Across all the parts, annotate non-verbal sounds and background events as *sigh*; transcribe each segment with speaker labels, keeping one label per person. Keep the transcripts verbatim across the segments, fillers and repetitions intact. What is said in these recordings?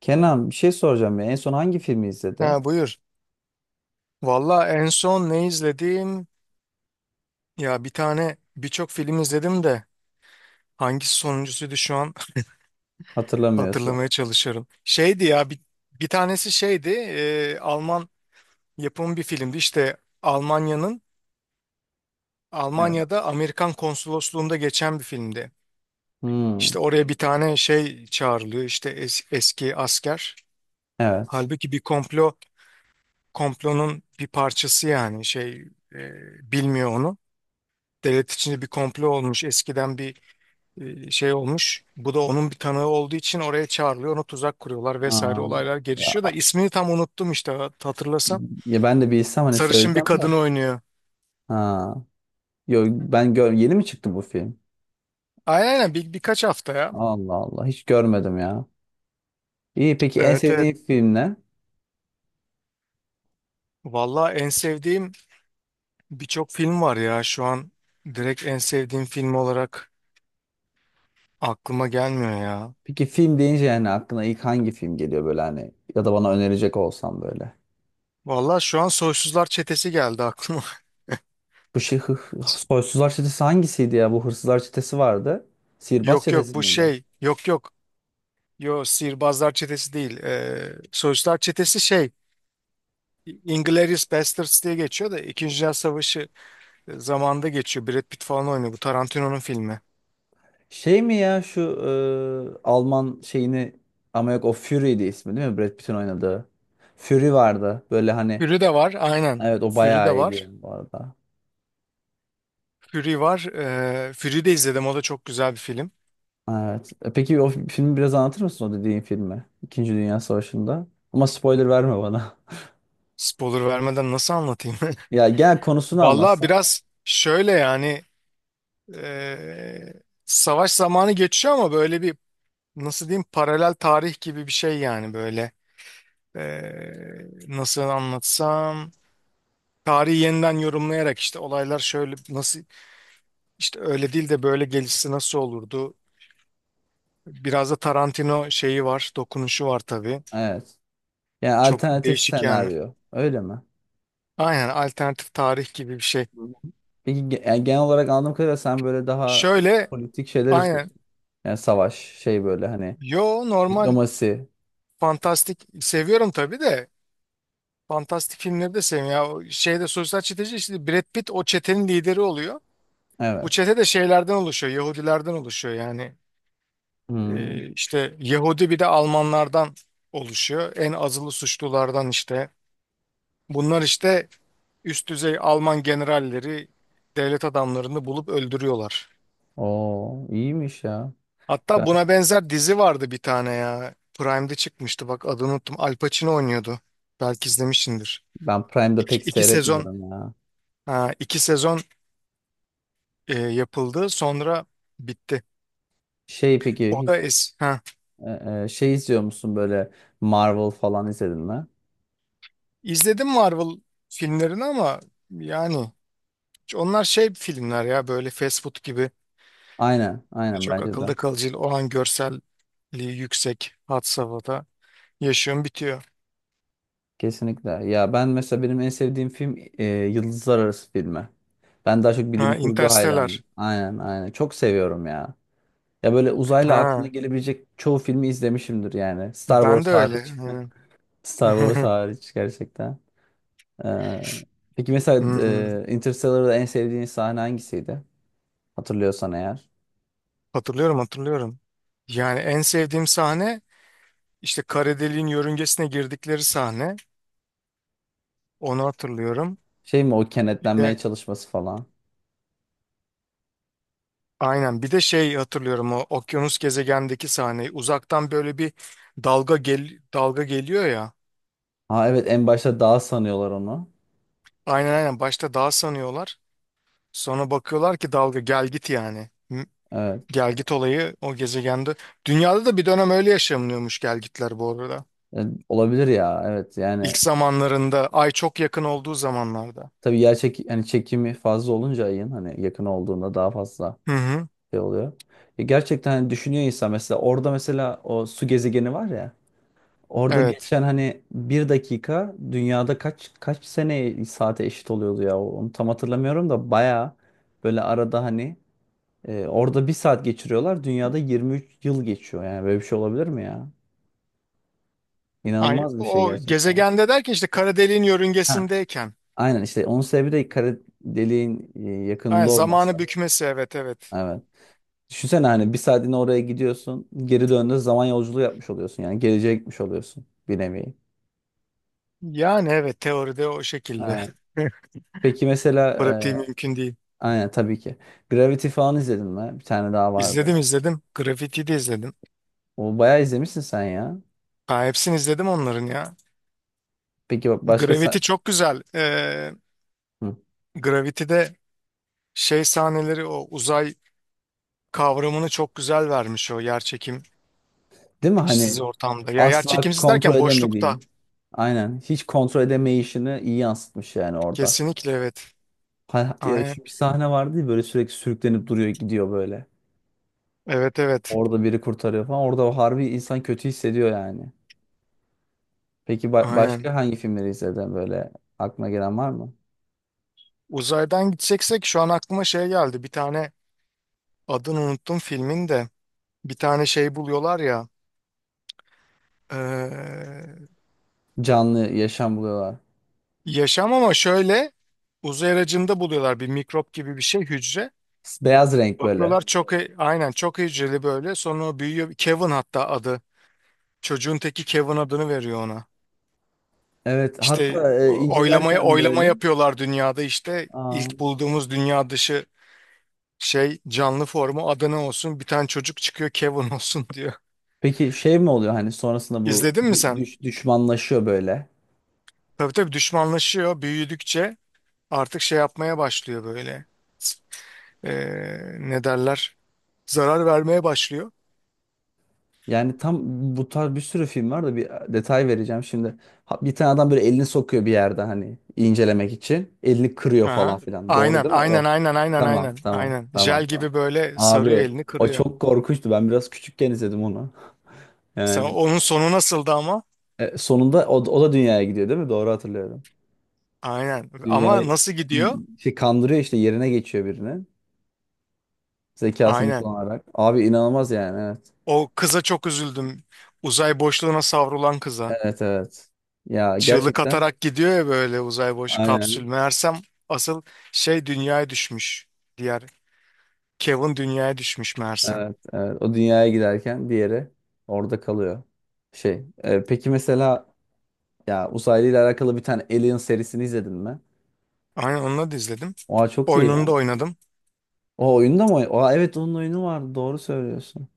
Speaker 1: Kenan, bir şey soracağım ya. En son hangi filmi izledi?
Speaker 2: Ha buyur. Valla en son ne izledim? Ya bir tane birçok film izledim de hangisi sonuncusuydu şu an *laughs*
Speaker 1: Hatırlamıyorsun.
Speaker 2: hatırlamaya çalışıyorum. Şeydi ya bir, bir tanesi şeydi e, Alman yapımı bir filmdi. İşte Almanya'nın
Speaker 1: Evet.
Speaker 2: Almanya'da Amerikan konsolosluğunda geçen bir filmdi.
Speaker 1: Hmm,
Speaker 2: İşte oraya bir tane şey çağrılıyor, işte es- eski asker.
Speaker 1: evet.
Speaker 2: Halbuki bir komplo komplonun bir parçası, yani şey, e, bilmiyor onu. Devlet içinde bir komplo olmuş eskiden, bir e, şey olmuş. Bu da onun bir tanığı olduğu için oraya çağrılıyor. Onu tuzak kuruyorlar vesaire,
Speaker 1: Aa,
Speaker 2: olaylar gelişiyor da
Speaker 1: ya,
Speaker 2: ismini tam unuttum işte, hat- hatırlasam.
Speaker 1: ya ben de bilsem hani
Speaker 2: Sarışın bir
Speaker 1: söyleyeceğim de.
Speaker 2: kadın oynuyor.
Speaker 1: Ha. Yo, ben gör yeni mi çıktı bu film?
Speaker 2: Aynen aynen, bir, birkaç hafta ya.
Speaker 1: Allah Allah, hiç görmedim ya. İyi, peki en
Speaker 2: Evet evet.
Speaker 1: sevdiğin film ne?
Speaker 2: Valla en sevdiğim birçok film var ya, şu an direkt en sevdiğim film olarak aklıma gelmiyor ya.
Speaker 1: Peki film deyince yani aklına ilk hangi film geliyor böyle hani ya da bana önerecek olsam böyle.
Speaker 2: Valla şu an Soysuzlar Çetesi geldi aklıma.
Speaker 1: Bu şey hı, Soysuzlar Çetesi hangisiydi ya? Bu Hırsızlar Çetesi vardı.
Speaker 2: *laughs*
Speaker 1: Sihirbaz
Speaker 2: Yok yok,
Speaker 1: Çetesi
Speaker 2: bu
Speaker 1: miydi?
Speaker 2: şey, yok yok. Yo, Sihirbazlar Çetesi değil. Ee, Soysuzlar Çetesi şey, Inglourious Basterds diye geçiyor da, İkinci Dünya Savaşı e, zamanında geçiyor. Brad Pitt falan oynuyor. Bu Tarantino'nun filmi.
Speaker 1: Şey mi ya şu e, Alman şeyini, ama yok o Fury'di ismi değil mi? Brad Pitt'in oynadığı. Fury vardı. Böyle hani
Speaker 2: Fury de var aynen.
Speaker 1: evet, o
Speaker 2: Fury
Speaker 1: bayağı
Speaker 2: de
Speaker 1: iyiydi
Speaker 2: var.
Speaker 1: yani bu arada.
Speaker 2: Fury var. Ee, Fury de izledim. O da çok güzel bir film.
Speaker 1: Evet. E, Peki o filmi biraz anlatır mısın, o dediğin filmi? İkinci Dünya Savaşı'nda. Ama spoiler verme bana.
Speaker 2: Spoiler vermeden nasıl anlatayım?
Speaker 1: *laughs* Ya gel
Speaker 2: *laughs*
Speaker 1: konusunu
Speaker 2: Vallahi
Speaker 1: anlatsa.
Speaker 2: biraz şöyle yani, ee, savaş zamanı geçiyor ama böyle bir, nasıl diyeyim, paralel tarih gibi bir şey yani böyle. Ee, Nasıl anlatsam, tarihi yeniden yorumlayarak, işte olaylar şöyle nasıl, İşte öyle değil de böyle gelişse nasıl olurdu? Biraz da Tarantino şeyi var, dokunuşu var tabii.
Speaker 1: Evet. Yani
Speaker 2: Çok
Speaker 1: alternatif
Speaker 2: değişik yani.
Speaker 1: senaryo. Öyle mi?
Speaker 2: Aynen, alternatif tarih gibi bir şey.
Speaker 1: Hı. Peki ge- yani genel olarak anladığım kadarıyla sen böyle daha
Speaker 2: Şöyle,
Speaker 1: politik şeyler
Speaker 2: aynen.
Speaker 1: istiyorsun. Yani savaş şey böyle hani
Speaker 2: Yo, normal
Speaker 1: diplomasi.
Speaker 2: fantastik seviyorum tabii de, fantastik filmleri de seviyorum. Ya o şeyde sosyal çeteci, işte Brad Pitt o çetenin lideri oluyor. Bu
Speaker 1: Evet.
Speaker 2: çete de şeylerden oluşuyor, Yahudilerden oluşuyor yani.
Speaker 1: Hmm.
Speaker 2: Ee, işte Yahudi, bir de Almanlardan oluşuyor. En azılı suçlulardan işte. Bunlar işte üst düzey Alman generalleri, devlet adamlarını bulup öldürüyorlar.
Speaker 1: Oo, iyiymiş ya.
Speaker 2: Hatta
Speaker 1: Ben,
Speaker 2: buna benzer dizi vardı bir tane ya. Prime'de çıkmıştı, bak adını unuttum. Al Pacino oynuyordu. Belki izlemişsindir.
Speaker 1: ben Prime'da
Speaker 2: İki,
Speaker 1: pek
Speaker 2: iki sezon
Speaker 1: seyretmiyorum ya.
Speaker 2: ha, iki sezon e, yapıldı sonra bitti.
Speaker 1: Şey peki
Speaker 2: O
Speaker 1: hiç
Speaker 2: da es ha.
Speaker 1: e, e, şey izliyor musun böyle, Marvel falan izledin mi?
Speaker 2: İzledim, Marvel filmlerini, ama yani onlar şey filmler ya, böyle fast food gibi,
Speaker 1: Aynen, aynen
Speaker 2: çok
Speaker 1: bence
Speaker 2: akılda
Speaker 1: de.
Speaker 2: kalıcı olan, görselliği yüksek, had safhada yaşıyorum, bitiyor.
Speaker 1: Kesinlikle. Ya ben mesela benim en sevdiğim film e, Yıldızlar Arası filmi. Ben daha çok bilim
Speaker 2: Ha,
Speaker 1: kurgu
Speaker 2: Interstellar.
Speaker 1: hayranıyım. Aynen, aynen. Çok seviyorum ya. Ya böyle uzayla aklına
Speaker 2: Ha,
Speaker 1: gelebilecek çoğu filmi izlemişimdir yani. Star
Speaker 2: ben de
Speaker 1: Wars
Speaker 2: öyle.
Speaker 1: hariç. *laughs*
Speaker 2: Hı.
Speaker 1: Star Wars
Speaker 2: *laughs*
Speaker 1: hariç gerçekten. Ee, peki mesela
Speaker 2: Hmm.
Speaker 1: e, Interstellar'da en sevdiğin sahne hangisiydi? Hatırlıyorsan eğer.
Speaker 2: Hatırlıyorum hatırlıyorum. Yani en sevdiğim sahne işte kara deliğin yörüngesine girdikleri sahne. Onu hatırlıyorum.
Speaker 1: Şey mi o,
Speaker 2: Bir
Speaker 1: kenetlenmeye
Speaker 2: de,
Speaker 1: çalışması falan.
Speaker 2: aynen, bir de şey hatırlıyorum, o okyanus gezegendeki sahneyi. Uzaktan böyle bir dalga gel dalga geliyor ya.
Speaker 1: Ha evet, en başta dağ sanıyorlar onu.
Speaker 2: Aynen aynen, başta dağ sanıyorlar. Sonra bakıyorlar ki dalga gel git yani. Hı.
Speaker 1: Evet.
Speaker 2: Gel git olayı o gezegende. Dünyada da bir dönem öyle yaşanıyormuş gel gitler, bu arada.
Speaker 1: E, olabilir ya. Evet yani
Speaker 2: İlk zamanlarında, ay çok yakın olduğu zamanlarda.
Speaker 1: tabii yer çek yani çekimi fazla olunca ayın hani yakın olduğunda daha fazla
Speaker 2: Hı hı.
Speaker 1: şey oluyor. E, gerçekten hani düşünüyor insan, mesela orada mesela o su gezegeni var ya. Orada
Speaker 2: Evet.
Speaker 1: geçen hani bir dakika dünyada kaç kaç sene saate eşit oluyordu ya, onu tam hatırlamıyorum da baya böyle arada hani e, orada bir saat geçiriyorlar dünyada yirmi üç yıl geçiyor, yani böyle bir şey olabilir mi ya?
Speaker 2: Ay
Speaker 1: İnanılmaz bir şey
Speaker 2: o
Speaker 1: gerçekten.
Speaker 2: gezegende derken, işte kara deliğin
Speaker 1: Ha,
Speaker 2: yörüngesindeyken.
Speaker 1: aynen işte onun sebebi de kara deliğin e,
Speaker 2: Ay,
Speaker 1: yakınında
Speaker 2: zamanı
Speaker 1: olması.
Speaker 2: bükmesi, evet evet.
Speaker 1: Evet. Düşünsene hani bir saatine oraya gidiyorsun, geri döndüğünde zaman yolculuğu yapmış oluyorsun, yani geleceğe gitmiş oluyorsun bir nevi.
Speaker 2: Yani evet, teoride o şekilde.
Speaker 1: Ha.
Speaker 2: *laughs*
Speaker 1: Peki mesela
Speaker 2: Pratiği
Speaker 1: e,
Speaker 2: mümkün değil.
Speaker 1: aynen tabii ki. Gravity falan izledin mi? Bir tane daha vardı.
Speaker 2: İzledim izledim. Gravity'yi de izledim.
Speaker 1: O bayağı izlemişsin sen ya.
Speaker 2: Ha, hepsini izledim onların ya.
Speaker 1: Peki bak başka sen...
Speaker 2: Gravity çok güzel. Ee,
Speaker 1: Hı.
Speaker 2: Gravity'de şey sahneleri, o uzay kavramını çok güzel vermiş, o yerçekim
Speaker 1: Değil mi? Hani
Speaker 2: işsiz ortamda. Ya
Speaker 1: asla
Speaker 2: yerçekimsiz
Speaker 1: kontrol
Speaker 2: derken, boşlukta.
Speaker 1: edemediğin. Aynen. Hiç kontrol edemeyişini iyi yansıtmış yani orada.
Speaker 2: Kesinlikle evet.
Speaker 1: Ha, ya
Speaker 2: Aynen.
Speaker 1: şu bir sahne vardı ya, böyle sürekli sürüklenip duruyor gidiyor böyle.
Speaker 2: Evet evet.
Speaker 1: Orada biri kurtarıyor falan. Orada o harbi insan kötü hissediyor yani. Peki ba-
Speaker 2: Aynen.
Speaker 1: başka hangi filmleri izledin böyle, aklına gelen var mı?
Speaker 2: Uzaydan gideceksek şu an aklıma şey geldi. Bir tane adını unuttum filmin de. Bir tane şey buluyorlar ya. eee,
Speaker 1: Canlı yaşam buluyorlar.
Speaker 2: yaşam, ama şöyle, uzay aracında buluyorlar, bir mikrop gibi bir şey, hücre.
Speaker 1: Beyaz renk böyle.
Speaker 2: Bakıyorlar çok e- aynen çok hücreli böyle. Sonra o büyüyor. Kevin hatta adı. Çocuğun teki Kevin adını veriyor ona.
Speaker 1: Evet
Speaker 2: İşte
Speaker 1: hatta e,
Speaker 2: o- oylamaya
Speaker 1: incelerken
Speaker 2: oylama
Speaker 1: böyle.
Speaker 2: yapıyorlar dünyada, işte
Speaker 1: Aa.
Speaker 2: ilk bulduğumuz dünya dışı şey canlı formu Adana olsun, bir tane çocuk çıkıyor Kevin olsun *laughs* diyor.
Speaker 1: Peki şey mi oluyor hani sonrasında, bu
Speaker 2: İzledin mi
Speaker 1: dü-
Speaker 2: sen?
Speaker 1: düş- düşmanlaşıyor böyle.
Speaker 2: Tabii tabii düşmanlaşıyor, büyüdükçe artık şey yapmaya başlıyor böyle. Ee, ne derler? Zarar vermeye başlıyor.
Speaker 1: Yani tam bu tarz bir sürü film var da bir detay vereceğim şimdi. Ha- Bir tane adam böyle elini sokuyor bir yerde hani incelemek için. Elini kırıyor falan
Speaker 2: Aha.
Speaker 1: filan. Doğru
Speaker 2: Aynen
Speaker 1: değil mi,
Speaker 2: aynen
Speaker 1: o?
Speaker 2: aynen aynen
Speaker 1: Tamam
Speaker 2: aynen
Speaker 1: tamam
Speaker 2: aynen. Jel
Speaker 1: tamam tamam.
Speaker 2: gibi böyle sarıyor,
Speaker 1: Abi
Speaker 2: elini
Speaker 1: o
Speaker 2: kırıyor.
Speaker 1: çok korkunçtu. Ben biraz küçükken izledim onu.
Speaker 2: Sen
Speaker 1: Yani
Speaker 2: onun sonu nasıldı ama?
Speaker 1: e, sonunda o, da- o da dünyaya gidiyor değil mi? Doğru hatırlıyorum.
Speaker 2: Aynen. Ama
Speaker 1: Dünyayı
Speaker 2: nasıl
Speaker 1: y-
Speaker 2: gidiyor?
Speaker 1: şey kandırıyor işte, yerine geçiyor birini. Zekasını
Speaker 2: Aynen.
Speaker 1: kullanarak. Abi inanılmaz yani, evet.
Speaker 2: O kıza çok üzüldüm. Uzay boşluğuna savrulan kıza.
Speaker 1: Evet evet. Ya
Speaker 2: Çığlık
Speaker 1: gerçekten
Speaker 2: atarak gidiyor ya, böyle uzay boş kapsül.
Speaker 1: aynen.
Speaker 2: Meğersem asıl şey dünyaya düşmüş. Diğer Kevin dünyaya düşmüş meğersem.
Speaker 1: Evet, evet. O dünyaya giderken diğeri orada kalıyor. Şey, e, peki mesela ya uzaylı ile alakalı, bir tane Alien serisini izledin mi?
Speaker 2: Aynen, onunla da izledim.
Speaker 1: Oha çok iyi ya.
Speaker 2: Oyununu da oynadım.
Speaker 1: O oyunda mı? oyn- Oha evet, onun oyunu vardı. Doğru söylüyorsun.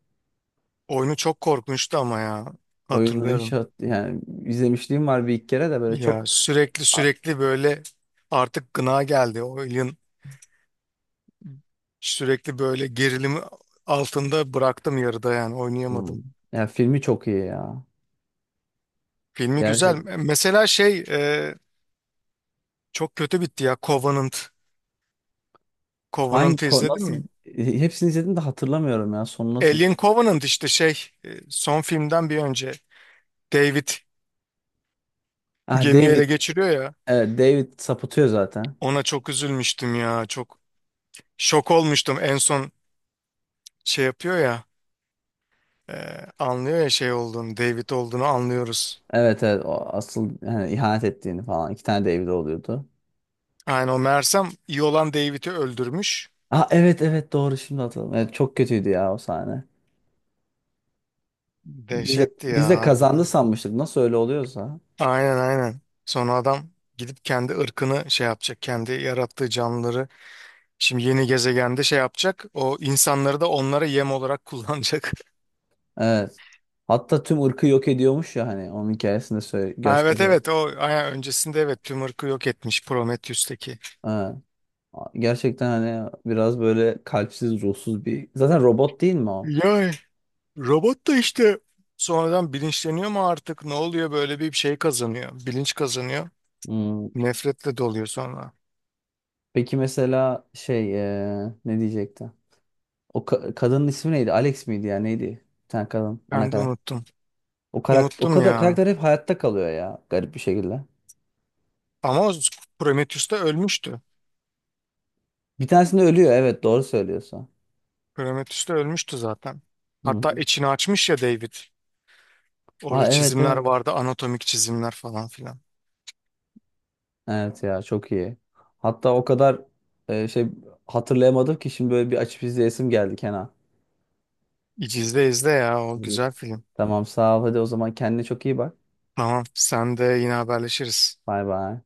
Speaker 2: Oyunu çok korkunçtu ama ya.
Speaker 1: Oyunu hiç
Speaker 2: Hatırlıyorum.
Speaker 1: hat yani izlemişliğim var bir iki kere de böyle
Speaker 2: Ya
Speaker 1: çok
Speaker 2: sürekli
Speaker 1: A-
Speaker 2: sürekli böyle artık gına geldi. Oyun sürekli böyle gerilimi altında bıraktım yarıda, yani
Speaker 1: hmm,
Speaker 2: oynayamadım.
Speaker 1: ya filmi çok iyi ya.
Speaker 2: Filmi güzel.
Speaker 1: Gerçekten.
Speaker 2: Mesela şey, e, çok kötü bitti ya Covenant.
Speaker 1: Hangi
Speaker 2: Covenant'ı
Speaker 1: ko-
Speaker 2: izledin
Speaker 1: nasıl,
Speaker 2: mi?
Speaker 1: hepsini izledim de hatırlamıyorum ya. Sonu nasıl,
Speaker 2: Alien Covenant işte şey, e, son filmden bir önce David
Speaker 1: ah
Speaker 2: gemiyi
Speaker 1: David,
Speaker 2: ele geçiriyor ya,
Speaker 1: evet, David sapıtıyor zaten.
Speaker 2: ona çok üzülmüştüm ya, çok şok olmuştum, en son şey yapıyor ya, e, anlıyor ya, şey olduğunu, David olduğunu anlıyoruz.
Speaker 1: Evet evet, o asıl yani ihanet ettiğini falan, iki tane David oluyordu.
Speaker 2: Aynen, o Mersem iyi olan David'i öldürmüş.
Speaker 1: Ah evet evet, doğru şimdi hatırladım. Evet, çok kötüydü ya o sahne. Biz de,
Speaker 2: Dehşetti
Speaker 1: biz
Speaker 2: ya
Speaker 1: de kazandı
Speaker 2: harbiden.
Speaker 1: sanmıştık, nasıl öyle oluyorsa.
Speaker 2: Aynen aynen. Sonra adam gidip kendi ırkını şey yapacak. Kendi yarattığı canlıları şimdi yeni gezegende şey yapacak. O insanları da onlara yem olarak kullanacak. *laughs*
Speaker 1: Evet. Hatta tüm ırkı yok ediyormuş ya hani, onun hikayesinde söyle,
Speaker 2: Ha, evet
Speaker 1: gösteriyor.
Speaker 2: evet, o aya- öncesinde, evet, Tümörk'ü yok etmiş Prometheus'taki.
Speaker 1: Evet. Gerçekten hani biraz böyle kalpsiz ruhsuz bir, zaten robot değil mi o?
Speaker 2: Ya robot da işte sonradan bilinçleniyor mu artık ne oluyor, böyle bir şey kazanıyor. Bilinç kazanıyor.
Speaker 1: Hmm.
Speaker 2: Nefretle doluyor sonra.
Speaker 1: Peki mesela şey eee, ne diyecekti? O ka- kadının ismi neydi? Alex miydi ya neydi? Bir tane kadın ana
Speaker 2: Ben de
Speaker 1: karakter.
Speaker 2: unuttum.
Speaker 1: O karakter, o
Speaker 2: Unuttum
Speaker 1: kadar
Speaker 2: ya.
Speaker 1: karakter hep hayatta kalıyor ya garip bir şekilde.
Speaker 2: Ama o Prometheus da ölmüştü.
Speaker 1: Bir tanesinde ölüyor, evet doğru söylüyorsun.
Speaker 2: Prometheus da ölmüştü zaten.
Speaker 1: Hı
Speaker 2: Hatta
Speaker 1: hı.
Speaker 2: içini açmış ya David. Orada
Speaker 1: Aa evet
Speaker 2: çizimler
Speaker 1: evet.
Speaker 2: vardı, anatomik çizimler falan filan.
Speaker 1: Evet ya çok iyi. Hatta o kadar e, şey hatırlayamadım ki şimdi, böyle bir açıp izleyesim geldi Kenan.
Speaker 2: İzle izle ya, o
Speaker 1: İyi.
Speaker 2: güzel film.
Speaker 1: Tamam sağ ol, hadi o zaman kendine çok iyi bak.
Speaker 2: Tamam sen de, yine haberleşiriz.
Speaker 1: Bay bay.